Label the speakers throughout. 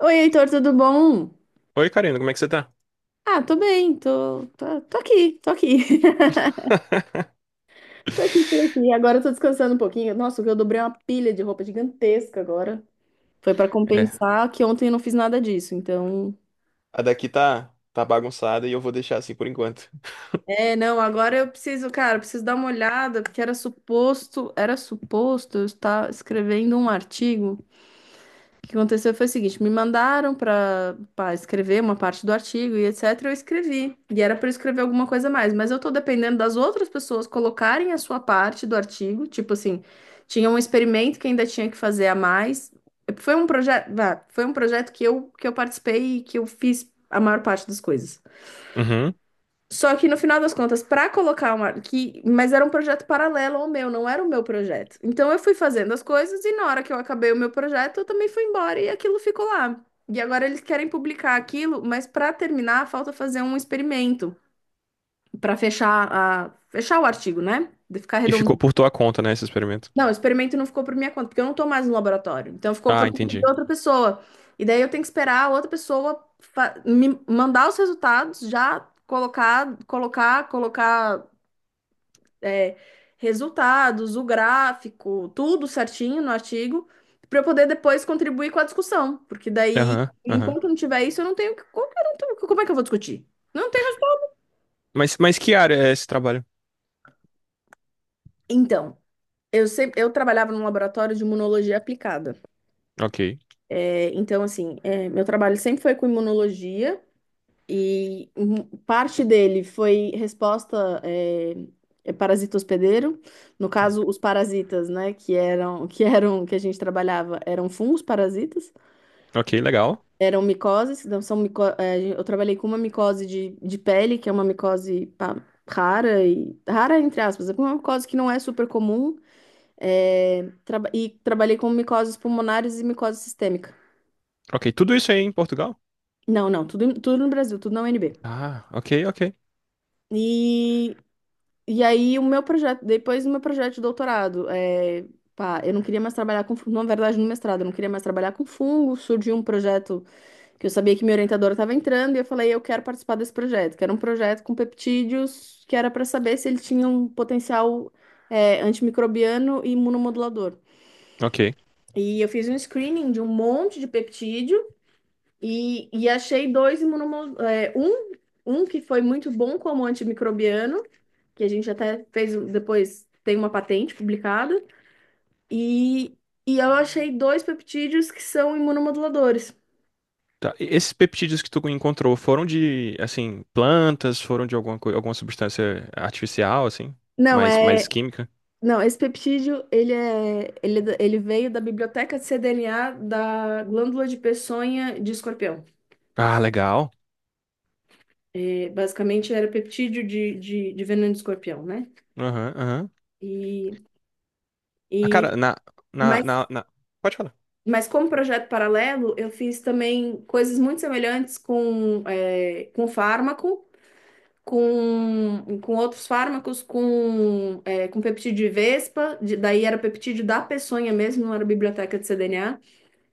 Speaker 1: Oi, Heitor, tudo bom?
Speaker 2: Oi, Karina, como é que você tá?
Speaker 1: Ah, tô bem, tô aqui, tô aqui. Tô aqui, tô aqui. Agora eu tô descansando um pouquinho. Nossa, eu dobrei uma pilha de roupa gigantesca agora. Foi pra
Speaker 2: É.
Speaker 1: compensar que ontem eu não fiz nada disso, então.
Speaker 2: A daqui tá bagunçada e eu vou deixar assim por enquanto.
Speaker 1: É, não, agora eu preciso, cara, eu preciso dar uma olhada, porque era suposto eu estar escrevendo um artigo. O que aconteceu foi o seguinte, me mandaram para escrever uma parte do artigo e etc, eu escrevi. E era para eu escrever alguma coisa a mais, mas eu tô dependendo das outras pessoas colocarem a sua parte do artigo, tipo assim, tinha um experimento que ainda tinha que fazer a mais. Foi um projeto, foi um projeto que eu participei e que eu fiz a maior parte das coisas.
Speaker 2: Uhum.
Speaker 1: Só que no final das contas, para colocar uma. Que, mas era um projeto paralelo ao meu, não era o meu projeto. Então eu fui fazendo as coisas e na hora que eu acabei o meu projeto, eu também fui embora e aquilo ficou lá. E agora eles querem publicar aquilo, mas para terminar, falta fazer um experimento para fechar a fechar o artigo, né? De ficar
Speaker 2: E ficou
Speaker 1: redondinho.
Speaker 2: por tua conta, né, esse experimento.
Speaker 1: Não, o experimento não ficou por minha conta, porque eu não tô mais no laboratório. Então ficou
Speaker 2: Ah,
Speaker 1: por conta de
Speaker 2: entendi.
Speaker 1: outra pessoa. E daí eu tenho que esperar a outra pessoa me mandar os resultados, já colocar, colocar é, resultados, o gráfico, tudo certinho no artigo, para eu poder depois contribuir com a discussão. Porque daí,
Speaker 2: Aham, aham.
Speaker 1: enquanto não tiver isso, eu não tenho. Como que eu não tenho- como é que eu vou discutir? Não tenho resultado.
Speaker 2: Mas que área é esse trabalho?
Speaker 1: Então, eu trabalhava num laboratório de imunologia aplicada.
Speaker 2: Ok.
Speaker 1: É, então, assim, é, meu trabalho sempre foi com imunologia. E parte dele foi é parasita hospedeiro, no caso, os parasitas, né, que a gente trabalhava, eram fungos parasitas.
Speaker 2: Ok, legal.
Speaker 1: Eram micoses, então são eu trabalhei com uma micose de pele, que é uma micose rara, e rara entre aspas, é uma micose que não é super comum, e trabalhei com micoses pulmonares e micose sistêmica.
Speaker 2: Ok, tudo isso aí em Portugal?
Speaker 1: Não, não, tudo, tudo no Brasil, tudo na UNB.
Speaker 2: Ah, ok, ok.
Speaker 1: E, e aí o meu projeto, depois do meu projeto de doutorado, eu não queria mais trabalhar na verdade no mestrado, eu não queria mais trabalhar com fungo, surgiu um projeto que eu sabia que minha orientadora estava entrando e eu falei, eu quero participar desse projeto, que era um projeto com peptídeos que era para saber se ele tinha um potencial antimicrobiano e imunomodulador.
Speaker 2: Ok.
Speaker 1: E eu fiz um screening de um monte de peptídeo e achei dois imunomoduladores, um que foi muito bom como antimicrobiano, que a gente até depois, tem uma patente publicada, e, e eu achei dois peptídeos que são imunomoduladores.
Speaker 2: Tá. E esses peptídeos que tu encontrou foram de, assim, plantas, foram de alguma substância artificial, assim?
Speaker 1: Não,
Speaker 2: Mais,
Speaker 1: é
Speaker 2: mais química?
Speaker 1: Não, esse peptídeo, é ele veio da biblioteca de cDNA da glândula de peçonha de escorpião.
Speaker 2: Ah, legal.
Speaker 1: E, basicamente era peptídeo de veneno de escorpião, né?
Speaker 2: Aham, aham.
Speaker 1: E,
Speaker 2: Ah,
Speaker 1: e
Speaker 2: cara, na,
Speaker 1: mas,
Speaker 2: na, na- pode falar.
Speaker 1: mas como projeto paralelo, eu fiz também coisas muito semelhantes com fármaco, com outros fármacos, com peptídeo de vespa, daí era peptídeo da peçonha mesmo, não era biblioteca de cDNA.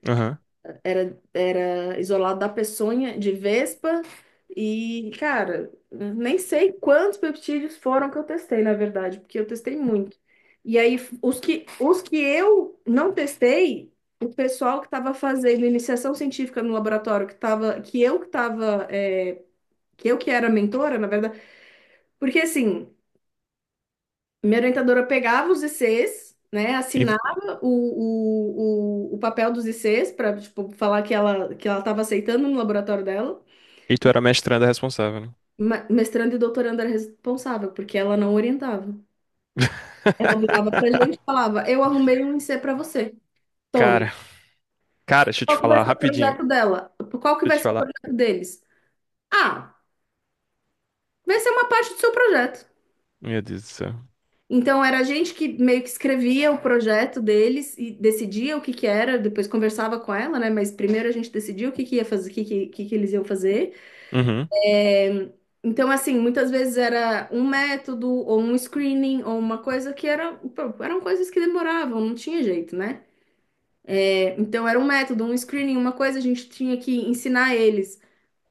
Speaker 2: Aham.
Speaker 1: Era isolado da peçonha de vespa. E, cara, nem sei quantos peptídeos foram que eu testei, na verdade, porque eu testei muito. E aí, os que eu não testei, o pessoal que estava fazendo iniciação científica no laboratório, que tava, que eu que estava, que eu que era mentora, na verdade, porque assim. Minha orientadora pegava os ICs, né,
Speaker 2: E,
Speaker 1: assinava o, o papel dos ICs para tipo, falar que ela estava aceitando no laboratório dela.
Speaker 2: e tu era mestranda responsável, né?
Speaker 1: Ma- Mestrando e doutorando era responsável, porque ela não orientava. Ela virava pra gente e falava: Eu arrumei um IC para você. Toma.
Speaker 2: Cara, cara, deixa eu te
Speaker 1: Qual que vai
Speaker 2: falar
Speaker 1: ser o
Speaker 2: rapidinho. Deixa
Speaker 1: projeto dela? Qual que
Speaker 2: eu
Speaker 1: vai
Speaker 2: te
Speaker 1: ser o
Speaker 2: falar.
Speaker 1: projeto deles? Ah, vai ser uma parte do seu projeto.
Speaker 2: Meu Deus do céu.
Speaker 1: Então era a gente que meio que escrevia o projeto deles e decidia o que que era, depois conversava com ela, né? Mas primeiro a gente decidia o que que ia fazer, o que que eles iam fazer.
Speaker 2: Uhum.
Speaker 1: É, então, assim, muitas vezes era um método, ou um screening, ou uma coisa que era, pô, eram coisas que demoravam, não tinha jeito, né? É, então, era um método, um screening, uma coisa, a gente tinha que ensinar eles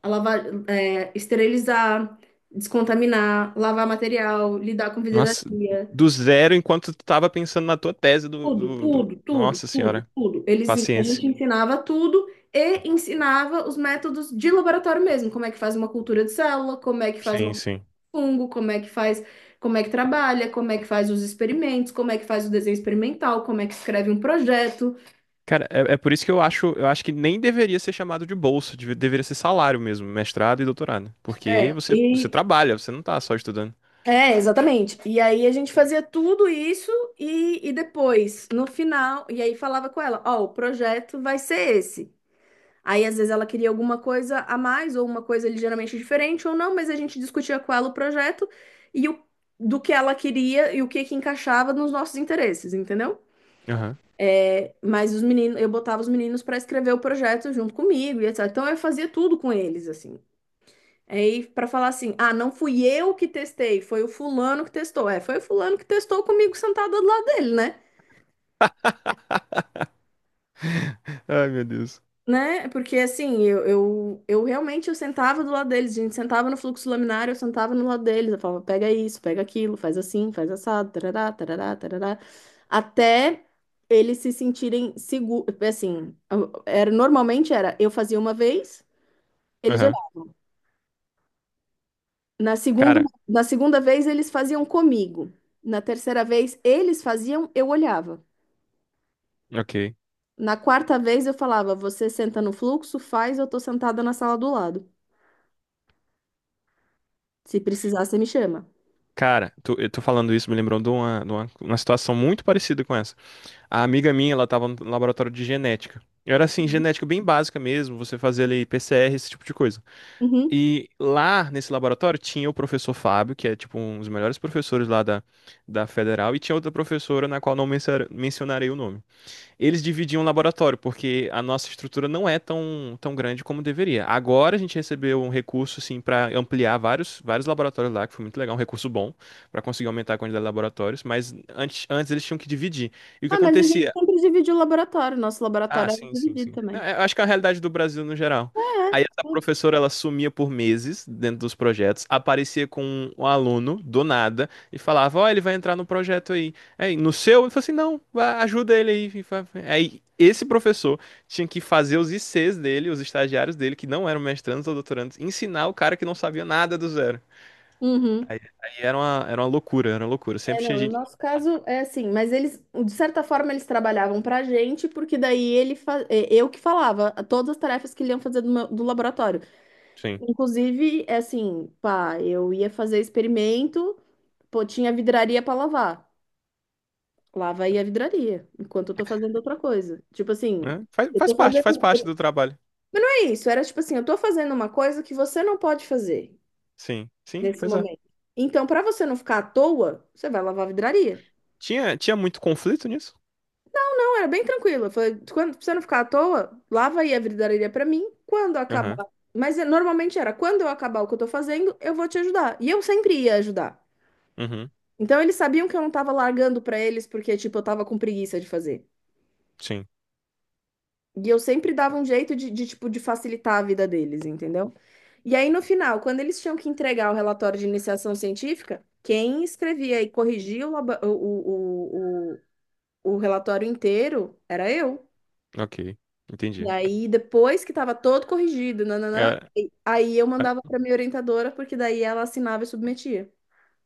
Speaker 1: a lavar, é, esterilizar, descontaminar, lavar material, lidar com
Speaker 2: Nossa,
Speaker 1: vidraria.
Speaker 2: do zero enquanto tu tava pensando na tua tese
Speaker 1: Tudo, tudo, tudo,
Speaker 2: Nossa
Speaker 1: tudo,
Speaker 2: senhora.
Speaker 1: tudo. A
Speaker 2: Paciência.
Speaker 1: gente ensinava tudo e ensinava os métodos de laboratório mesmo, como é que faz uma cultura de célula, como é que faz
Speaker 2: Sim,
Speaker 1: um
Speaker 2: sim.
Speaker 1: fungo, como é que faz, como é que trabalha, como é que faz os experimentos, como é que faz o desenho experimental, como é que escreve um projeto.
Speaker 2: Cara, é por isso que eu acho que nem deveria ser chamado de bolsa, deveria ser salário mesmo, mestrado e doutorado. Porque
Speaker 1: É,
Speaker 2: você, você
Speaker 1: e
Speaker 2: trabalha, você não tá só estudando.
Speaker 1: é, exatamente. E aí a gente fazia tudo isso e depois, no final, e aí falava com ela, ó, o projeto vai ser esse. Aí, às vezes, ela queria alguma coisa a mais, ou uma coisa ligeiramente diferente, ou não, mas a gente discutia com ela o projeto e o, do que ela queria e o que que encaixava nos nossos interesses, entendeu?
Speaker 2: Aham.
Speaker 1: É, mas os meninos, eu botava os meninos para escrever o projeto junto comigo e etc. Então, eu fazia tudo com eles, assim. Aí, para falar assim, ah, não fui eu que testei, foi o fulano que testou. É, foi o fulano que testou comigo sentado do lado dele, né?
Speaker 2: Ai, meu Deus.
Speaker 1: Né? Porque assim, eu realmente eu sentava do lado deles, a gente sentava no fluxo laminar, eu sentava no lado deles, eu falava, pega isso, pega aquilo, faz assim, faz assado, tarará, tarará, tarará, até eles se sentirem seguros, assim, era, normalmente era, eu fazia uma vez, eles
Speaker 2: Aham.
Speaker 1: olhavam, na segunda,
Speaker 2: Cara,
Speaker 1: na segunda vez eles faziam comigo, na terceira vez eles faziam, eu olhava,
Speaker 2: ok.
Speaker 1: na quarta vez eu falava, você senta no fluxo, faz, eu tô sentada na sala do lado, se precisar, você me chama.
Speaker 2: Cara, tu, eu tô falando isso, me lembrou de uma situação muito parecida com essa. A amiga minha, ela tava no laboratório de genética. Era assim, genética bem básica mesmo, você fazia ali PCR, esse tipo de coisa.
Speaker 1: Uhum.
Speaker 2: E lá nesse laboratório tinha o professor Fábio, que é tipo um dos melhores professores lá da Federal, e tinha outra professora na qual não mencionarei o nome. Eles dividiam o laboratório, porque a nossa estrutura não é tão grande como deveria. Agora a gente recebeu um recurso, assim, para ampliar vários laboratórios lá, que foi muito legal, um recurso bom, para conseguir aumentar a quantidade de laboratórios, mas antes eles tinham que dividir. E o que
Speaker 1: Ah, mas a gente
Speaker 2: acontecia?
Speaker 1: sempre dividiu o laboratório. Nosso
Speaker 2: Ah,
Speaker 1: laboratório era
Speaker 2: sim, sim,
Speaker 1: dividido
Speaker 2: sim. Não,
Speaker 1: também.
Speaker 2: é, eu acho que é a realidade do Brasil no geral. Aí essa
Speaker 1: É. É.
Speaker 2: professora, ela sumia por meses dentro dos projetos, aparecia com um aluno do nada e falava: Ó, ele vai entrar no projeto aí. Aí no seu, ele falou assim: Não, vá, ajuda ele aí. Aí esse professor tinha que fazer os ICs dele, os estagiários dele, que não eram mestrandos ou doutorandos, ensinar o cara que não sabia nada do zero.
Speaker 1: Uhum.
Speaker 2: Aí era uma loucura, era uma loucura.
Speaker 1: É,
Speaker 2: Sempre tinha
Speaker 1: não, no
Speaker 2: gente.
Speaker 1: nosso caso é assim, mas eles, de certa forma, eles trabalhavam pra gente, porque daí eu que falava todas as tarefas que ele iam fazer do laboratório.
Speaker 2: Sim.
Speaker 1: Inclusive, é assim, pá, eu ia fazer experimento, pô, tinha vidraria pra lavar. Lava aí a vidraria, enquanto eu tô fazendo outra coisa. Tipo assim,
Speaker 2: Né? Faz,
Speaker 1: eu
Speaker 2: faz
Speaker 1: tô
Speaker 2: parte,
Speaker 1: fazendo.
Speaker 2: faz parte do trabalho.
Speaker 1: Mas não é isso, era tipo assim, eu tô fazendo uma coisa que você não pode fazer
Speaker 2: Sim, sim,
Speaker 1: nesse
Speaker 2: pois é.
Speaker 1: momento. Então, para você não ficar à toa, você vai lavar a vidraria.
Speaker 2: Tinha muito conflito nisso?
Speaker 1: Então, era bem tranquilo. Eu falei, quando pra você não ficar à toa, lava aí a vidraria para mim. Quando
Speaker 2: Aham.
Speaker 1: acabar. Mas eh, normalmente era, quando eu acabar o que eu tô fazendo, eu vou te ajudar. E eu sempre ia ajudar.
Speaker 2: Uhum.
Speaker 1: Então, eles sabiam que eu não tava largando para eles porque, tipo, eu tava com preguiça de fazer.
Speaker 2: Sim.
Speaker 1: E eu sempre dava um jeito tipo, de facilitar a vida deles, entendeu? E aí, no final, quando eles tinham que entregar o relatório de iniciação científica, quem escrevia e corrigia o, laba- o relatório inteiro era eu.
Speaker 2: Ok.
Speaker 1: E
Speaker 2: Entendi.
Speaker 1: aí, depois que estava todo corrigido, nananã,
Speaker 2: Era-
Speaker 1: aí eu
Speaker 2: ah,
Speaker 1: mandava para minha orientadora, porque daí ela assinava e submetia.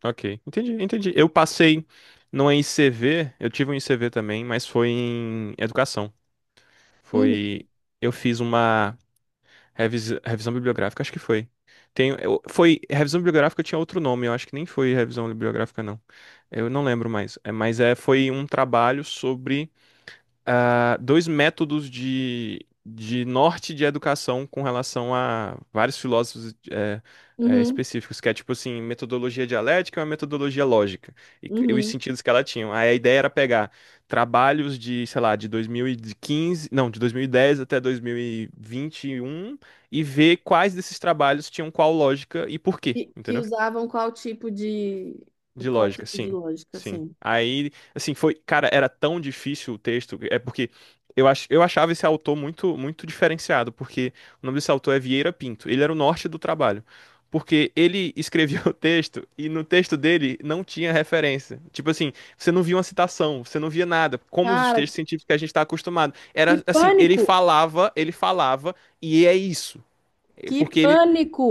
Speaker 2: ok. Entendi, entendi. Eu passei numa ICV, eu tive um ICV também, mas foi em educação.
Speaker 1: Uhum,
Speaker 2: Foi. Eu fiz uma revisão bibliográfica, acho que foi. Foi revisão bibliográfica, tinha outro nome, eu acho que nem foi revisão bibliográfica, não. Eu não lembro mais. É, mas é, foi um trabalho sobre dois métodos de norte de educação com relação a vários filósofos
Speaker 1: uhum,
Speaker 2: específicos, que é tipo assim, metodologia dialética e uma metodologia lógica, e os
Speaker 1: uhum.
Speaker 2: sentidos que ela tinha. Aí a ideia era pegar trabalhos de, sei lá, de 2015 não, de 2010 até dois mil e vinte e um e ver quais desses trabalhos tinham qual lógica e por quê,
Speaker 1: E, que
Speaker 2: entendeu?
Speaker 1: usavam
Speaker 2: De
Speaker 1: qual
Speaker 2: lógica,
Speaker 1: tipo de
Speaker 2: sim.
Speaker 1: lógica,
Speaker 2: Sim.
Speaker 1: assim.
Speaker 2: Aí, assim, foi, cara, era tão difícil o texto, é porque eu achava esse autor muito muito diferenciado, porque o nome desse autor é Vieira Pinto. Ele era o norte do trabalho. Porque ele escrevia o texto e no texto dele não tinha referência. Tipo assim, você não via uma citação, você não via nada, como os
Speaker 1: Cara,
Speaker 2: textos científicos que a gente está acostumado.
Speaker 1: que
Speaker 2: Era assim,
Speaker 1: pânico!
Speaker 2: ele falava e é isso.
Speaker 1: Que
Speaker 2: Porque ele
Speaker 1: pânico!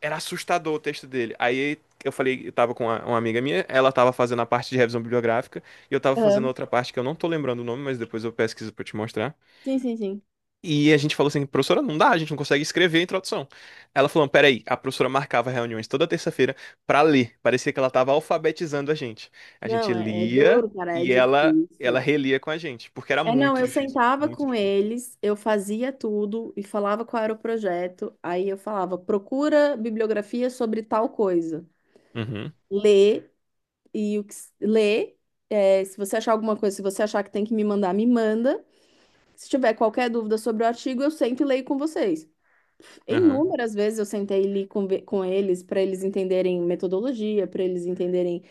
Speaker 2: era assustador o texto dele. Aí eu falei, eu tava com uma amiga minha, ela tava fazendo a parte de revisão bibliográfica, e eu tava fazendo
Speaker 1: Aham.
Speaker 2: outra parte que eu não tô lembrando o nome, mas depois eu pesquiso pra te mostrar.
Speaker 1: Sim, sim, sim.
Speaker 2: E a gente falou assim: Professora, não dá, a gente não consegue escrever a introdução. Ela falou, peraí. A professora marcava reuniões toda terça-feira pra ler. Parecia que ela tava alfabetizando a gente. A gente
Speaker 1: Não, é, é
Speaker 2: lia
Speaker 1: duro, cara, é
Speaker 2: e ela
Speaker 1: difícil.
Speaker 2: relia com a gente, porque era
Speaker 1: É, não,
Speaker 2: muito
Speaker 1: eu
Speaker 2: difícil.
Speaker 1: sentava
Speaker 2: Muito
Speaker 1: com
Speaker 2: difícil.
Speaker 1: eles, eu fazia tudo e falava qual era o projeto. Aí eu falava, procura bibliografia sobre tal coisa.
Speaker 2: Uhum,
Speaker 1: Lê lê. É, se você achar alguma coisa, se você achar que tem que me mandar, me manda. Se tiver qualquer dúvida sobre o artigo, eu sento e leio com vocês.
Speaker 2: aham.
Speaker 1: Inúmeras vezes eu sentei ali com eles para eles entenderem metodologia, para eles entenderem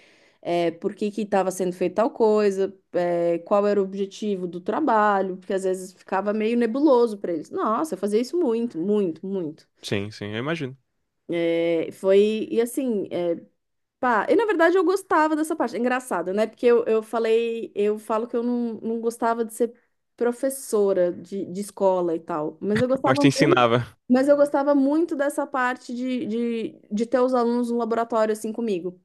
Speaker 1: por que que estava sendo feita tal coisa, é, qual era o objetivo do trabalho, porque às vezes ficava meio nebuloso para eles. Nossa, eu fazia isso muito, muito, muito.
Speaker 2: Sim, sim, eu imagino.
Speaker 1: É, foi, e assim, eh, Pá, e na verdade eu gostava dessa parte. É engraçado, né? Porque eu falei, eu falo que eu não gostava de ser professora de escola e tal. Mas eu
Speaker 2: Mas
Speaker 1: gostava
Speaker 2: te
Speaker 1: muito,
Speaker 2: ensinava.
Speaker 1: mas eu gostava muito dessa parte de ter os alunos no laboratório assim comigo.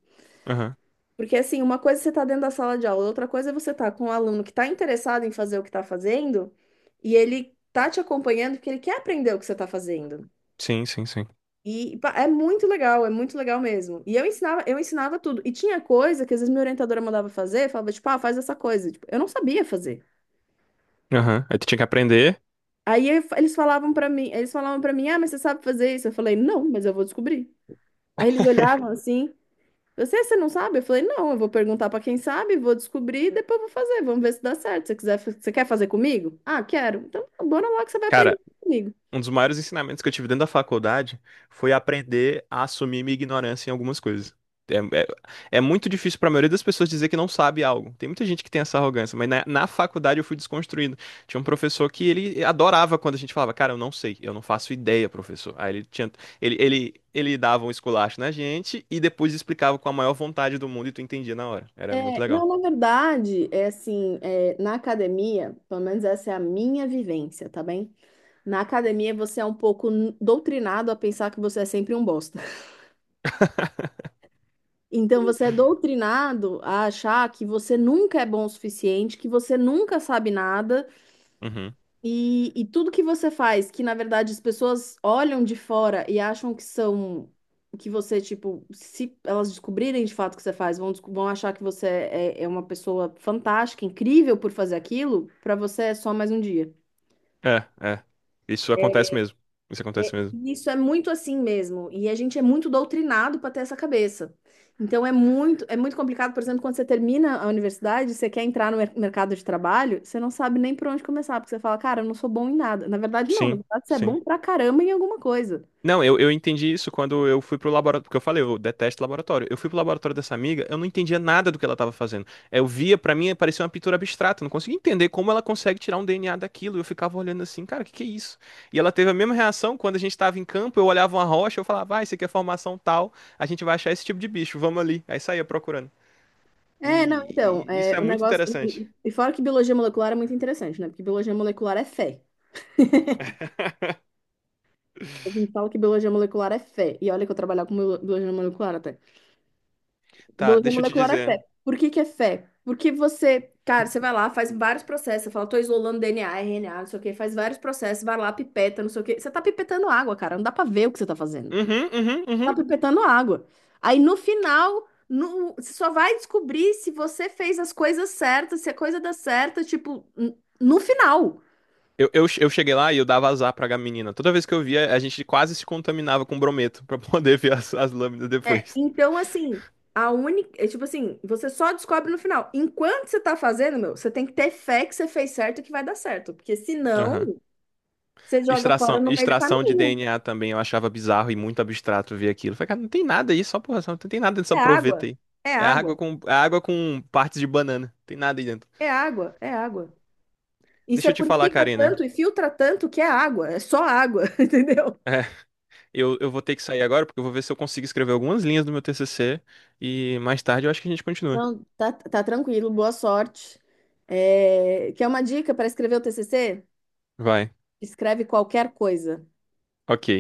Speaker 2: Aham.
Speaker 1: Porque assim, uma coisa é você tá dentro da sala de aula, outra coisa é você tá com um aluno que tá interessado em fazer o que tá fazendo e ele tá te acompanhando porque ele quer aprender o que você tá fazendo.
Speaker 2: Sim, sim, sim.
Speaker 1: E pá, é muito legal mesmo. E eu ensinava tudo. E tinha coisa que às vezes minha orientadora mandava fazer, falava tipo, ah, faz essa coisa. Tipo, eu não sabia fazer.
Speaker 2: Aham. Aí tu tinha que aprender.
Speaker 1: Eles falavam pra mim, eles falavam para mim, ah, mas você sabe fazer isso? Eu falei, não, mas eu vou descobrir. Aí eles olhavam assim, você não sabe? Eu falei, não, eu vou perguntar pra quem sabe, vou descobrir e depois vou fazer, vamos ver se dá certo. Se você quiser, você quer fazer comigo? Ah, quero. Então, bora lá que você vai
Speaker 2: Cara,
Speaker 1: aprender comigo.
Speaker 2: um dos maiores ensinamentos que eu tive dentro da faculdade foi aprender a assumir minha ignorância em algumas coisas. É, é- é muito difícil pra maioria das pessoas dizer que não sabe algo. Tem muita gente que tem essa arrogância, mas na faculdade eu fui desconstruindo. Tinha um professor que ele adorava quando a gente falava: Cara, eu não sei, eu não faço ideia, professor. Aí ele tinha, ele dava um esculacho na gente e depois explicava com a maior vontade do mundo e tu entendia na hora. Era muito
Speaker 1: É, não,
Speaker 2: legal.
Speaker 1: na verdade, é assim, é, na academia, pelo menos essa é a minha vivência, tá bem? Na academia você é um pouco doutrinado a pensar que você é sempre um bosta. Então você é doutrinado a achar que você nunca é bom o suficiente, que você nunca sabe nada.
Speaker 2: Uhum.
Speaker 1: E tudo que você faz, que na verdade as pessoas olham de fora e acham que são, que você, tipo, se elas descobrirem de fato o que você faz, vão, vão achar que você é, é uma pessoa fantástica, incrível por fazer aquilo, pra você é só mais um dia.
Speaker 2: É, é. Isso acontece mesmo. Isso acontece mesmo.
Speaker 1: E isso é muito assim mesmo, e a gente é muito doutrinado para ter essa cabeça. Então é muito complicado, por exemplo, quando você termina a universidade, você quer entrar no mercado de trabalho, você não sabe nem por onde começar, porque você fala, cara, eu não sou bom em nada. Na verdade, não, na
Speaker 2: Sim,
Speaker 1: verdade, você é bom
Speaker 2: sim.
Speaker 1: pra caramba em alguma coisa.
Speaker 2: Não, eu entendi isso quando eu fui pro laboratório, porque eu falei, eu detesto laboratório. Eu fui pro laboratório dessa amiga, eu não entendia nada do que ela tava fazendo. Eu via, pra mim, parecia uma pintura abstrata, eu não conseguia entender como ela consegue tirar um DNA daquilo. Eu ficava olhando assim, cara, o que que é isso? E ela teve a mesma reação quando a gente tava em campo, eu olhava uma rocha, eu falava, ah, isso aqui é formação tal, a gente vai achar esse tipo de bicho, vamos ali. Aí saía procurando.
Speaker 1: É, não, então,
Speaker 2: E isso
Speaker 1: é,
Speaker 2: é
Speaker 1: o
Speaker 2: muito
Speaker 1: negócio.
Speaker 2: interessante.
Speaker 1: E fora que biologia molecular é muito interessante, né? Porque biologia molecular é fé. A gente fala que biologia molecular é fé. E olha que eu trabalhava com biologia molecular até.
Speaker 2: Tá,
Speaker 1: Biologia
Speaker 2: deixa eu te
Speaker 1: molecular é
Speaker 2: dizer.
Speaker 1: fé. Por que que é fé? Porque você, cara, você vai lá, faz vários processos, você fala, tô isolando DNA, RNA, não sei o quê, faz vários processos, vai lá, pipeta, não sei o quê. Você tá pipetando água, cara, não dá pra ver o que você tá fazendo.
Speaker 2: Uhum, uhum,
Speaker 1: Tá
Speaker 2: uhum.
Speaker 1: pipetando água. Aí no final, você só vai descobrir se você fez as coisas certas, se a coisa dá certo, tipo, no final.
Speaker 2: Eu cheguei lá e eu dava azar pra menina. Toda vez que eu via, a gente quase se contaminava com brometo pra poder ver as lâminas
Speaker 1: É,
Speaker 2: depois.
Speaker 1: então, assim, a única. É, tipo assim, você só descobre no final. Enquanto você tá fazendo, meu, você tem que ter fé que você fez certo e que vai dar certo. Porque
Speaker 2: Aham.
Speaker 1: senão. Você joga fora
Speaker 2: Extração,
Speaker 1: no meio do
Speaker 2: extração de
Speaker 1: caminho.
Speaker 2: DNA também eu achava bizarro e muito abstrato ver aquilo. Falei, cara, não tem nada aí, só porra, não tem nada dessa
Speaker 1: É
Speaker 2: proveta
Speaker 1: água,
Speaker 2: aí.
Speaker 1: é
Speaker 2: É água
Speaker 1: água,
Speaker 2: com, é água com partes de banana. Não tem nada aí dentro.
Speaker 1: é água, é água. E você
Speaker 2: Deixa eu te falar,
Speaker 1: purifica
Speaker 2: Karina.
Speaker 1: tanto e filtra tanto que é água, é só água, entendeu?
Speaker 2: É, eu vou ter que sair agora porque eu vou ver se eu consigo escrever algumas linhas do meu TCC e mais tarde eu acho que a gente continua.
Speaker 1: Não, tá, tá tranquilo, boa sorte. É, quer uma dica para escrever o TCC?
Speaker 2: Vai.
Speaker 1: Escreve qualquer coisa.
Speaker 2: Ok.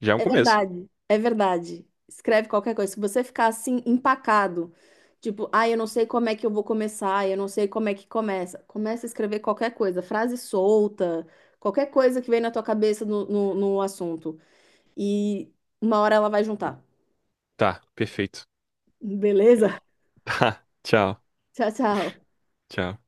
Speaker 2: Já é um
Speaker 1: É
Speaker 2: começo.
Speaker 1: verdade, é verdade. Escreve qualquer coisa. Se você ficar assim, empacado, tipo, ah, eu não sei como é que eu vou começar, eu não sei como é que começa. Começa a escrever qualquer coisa, frase solta, qualquer coisa que vem na tua cabeça no assunto. E uma hora ela vai juntar.
Speaker 2: Tá, perfeito.
Speaker 1: Beleza?
Speaker 2: Tchau,
Speaker 1: Tchau, tchau.
Speaker 2: tchau.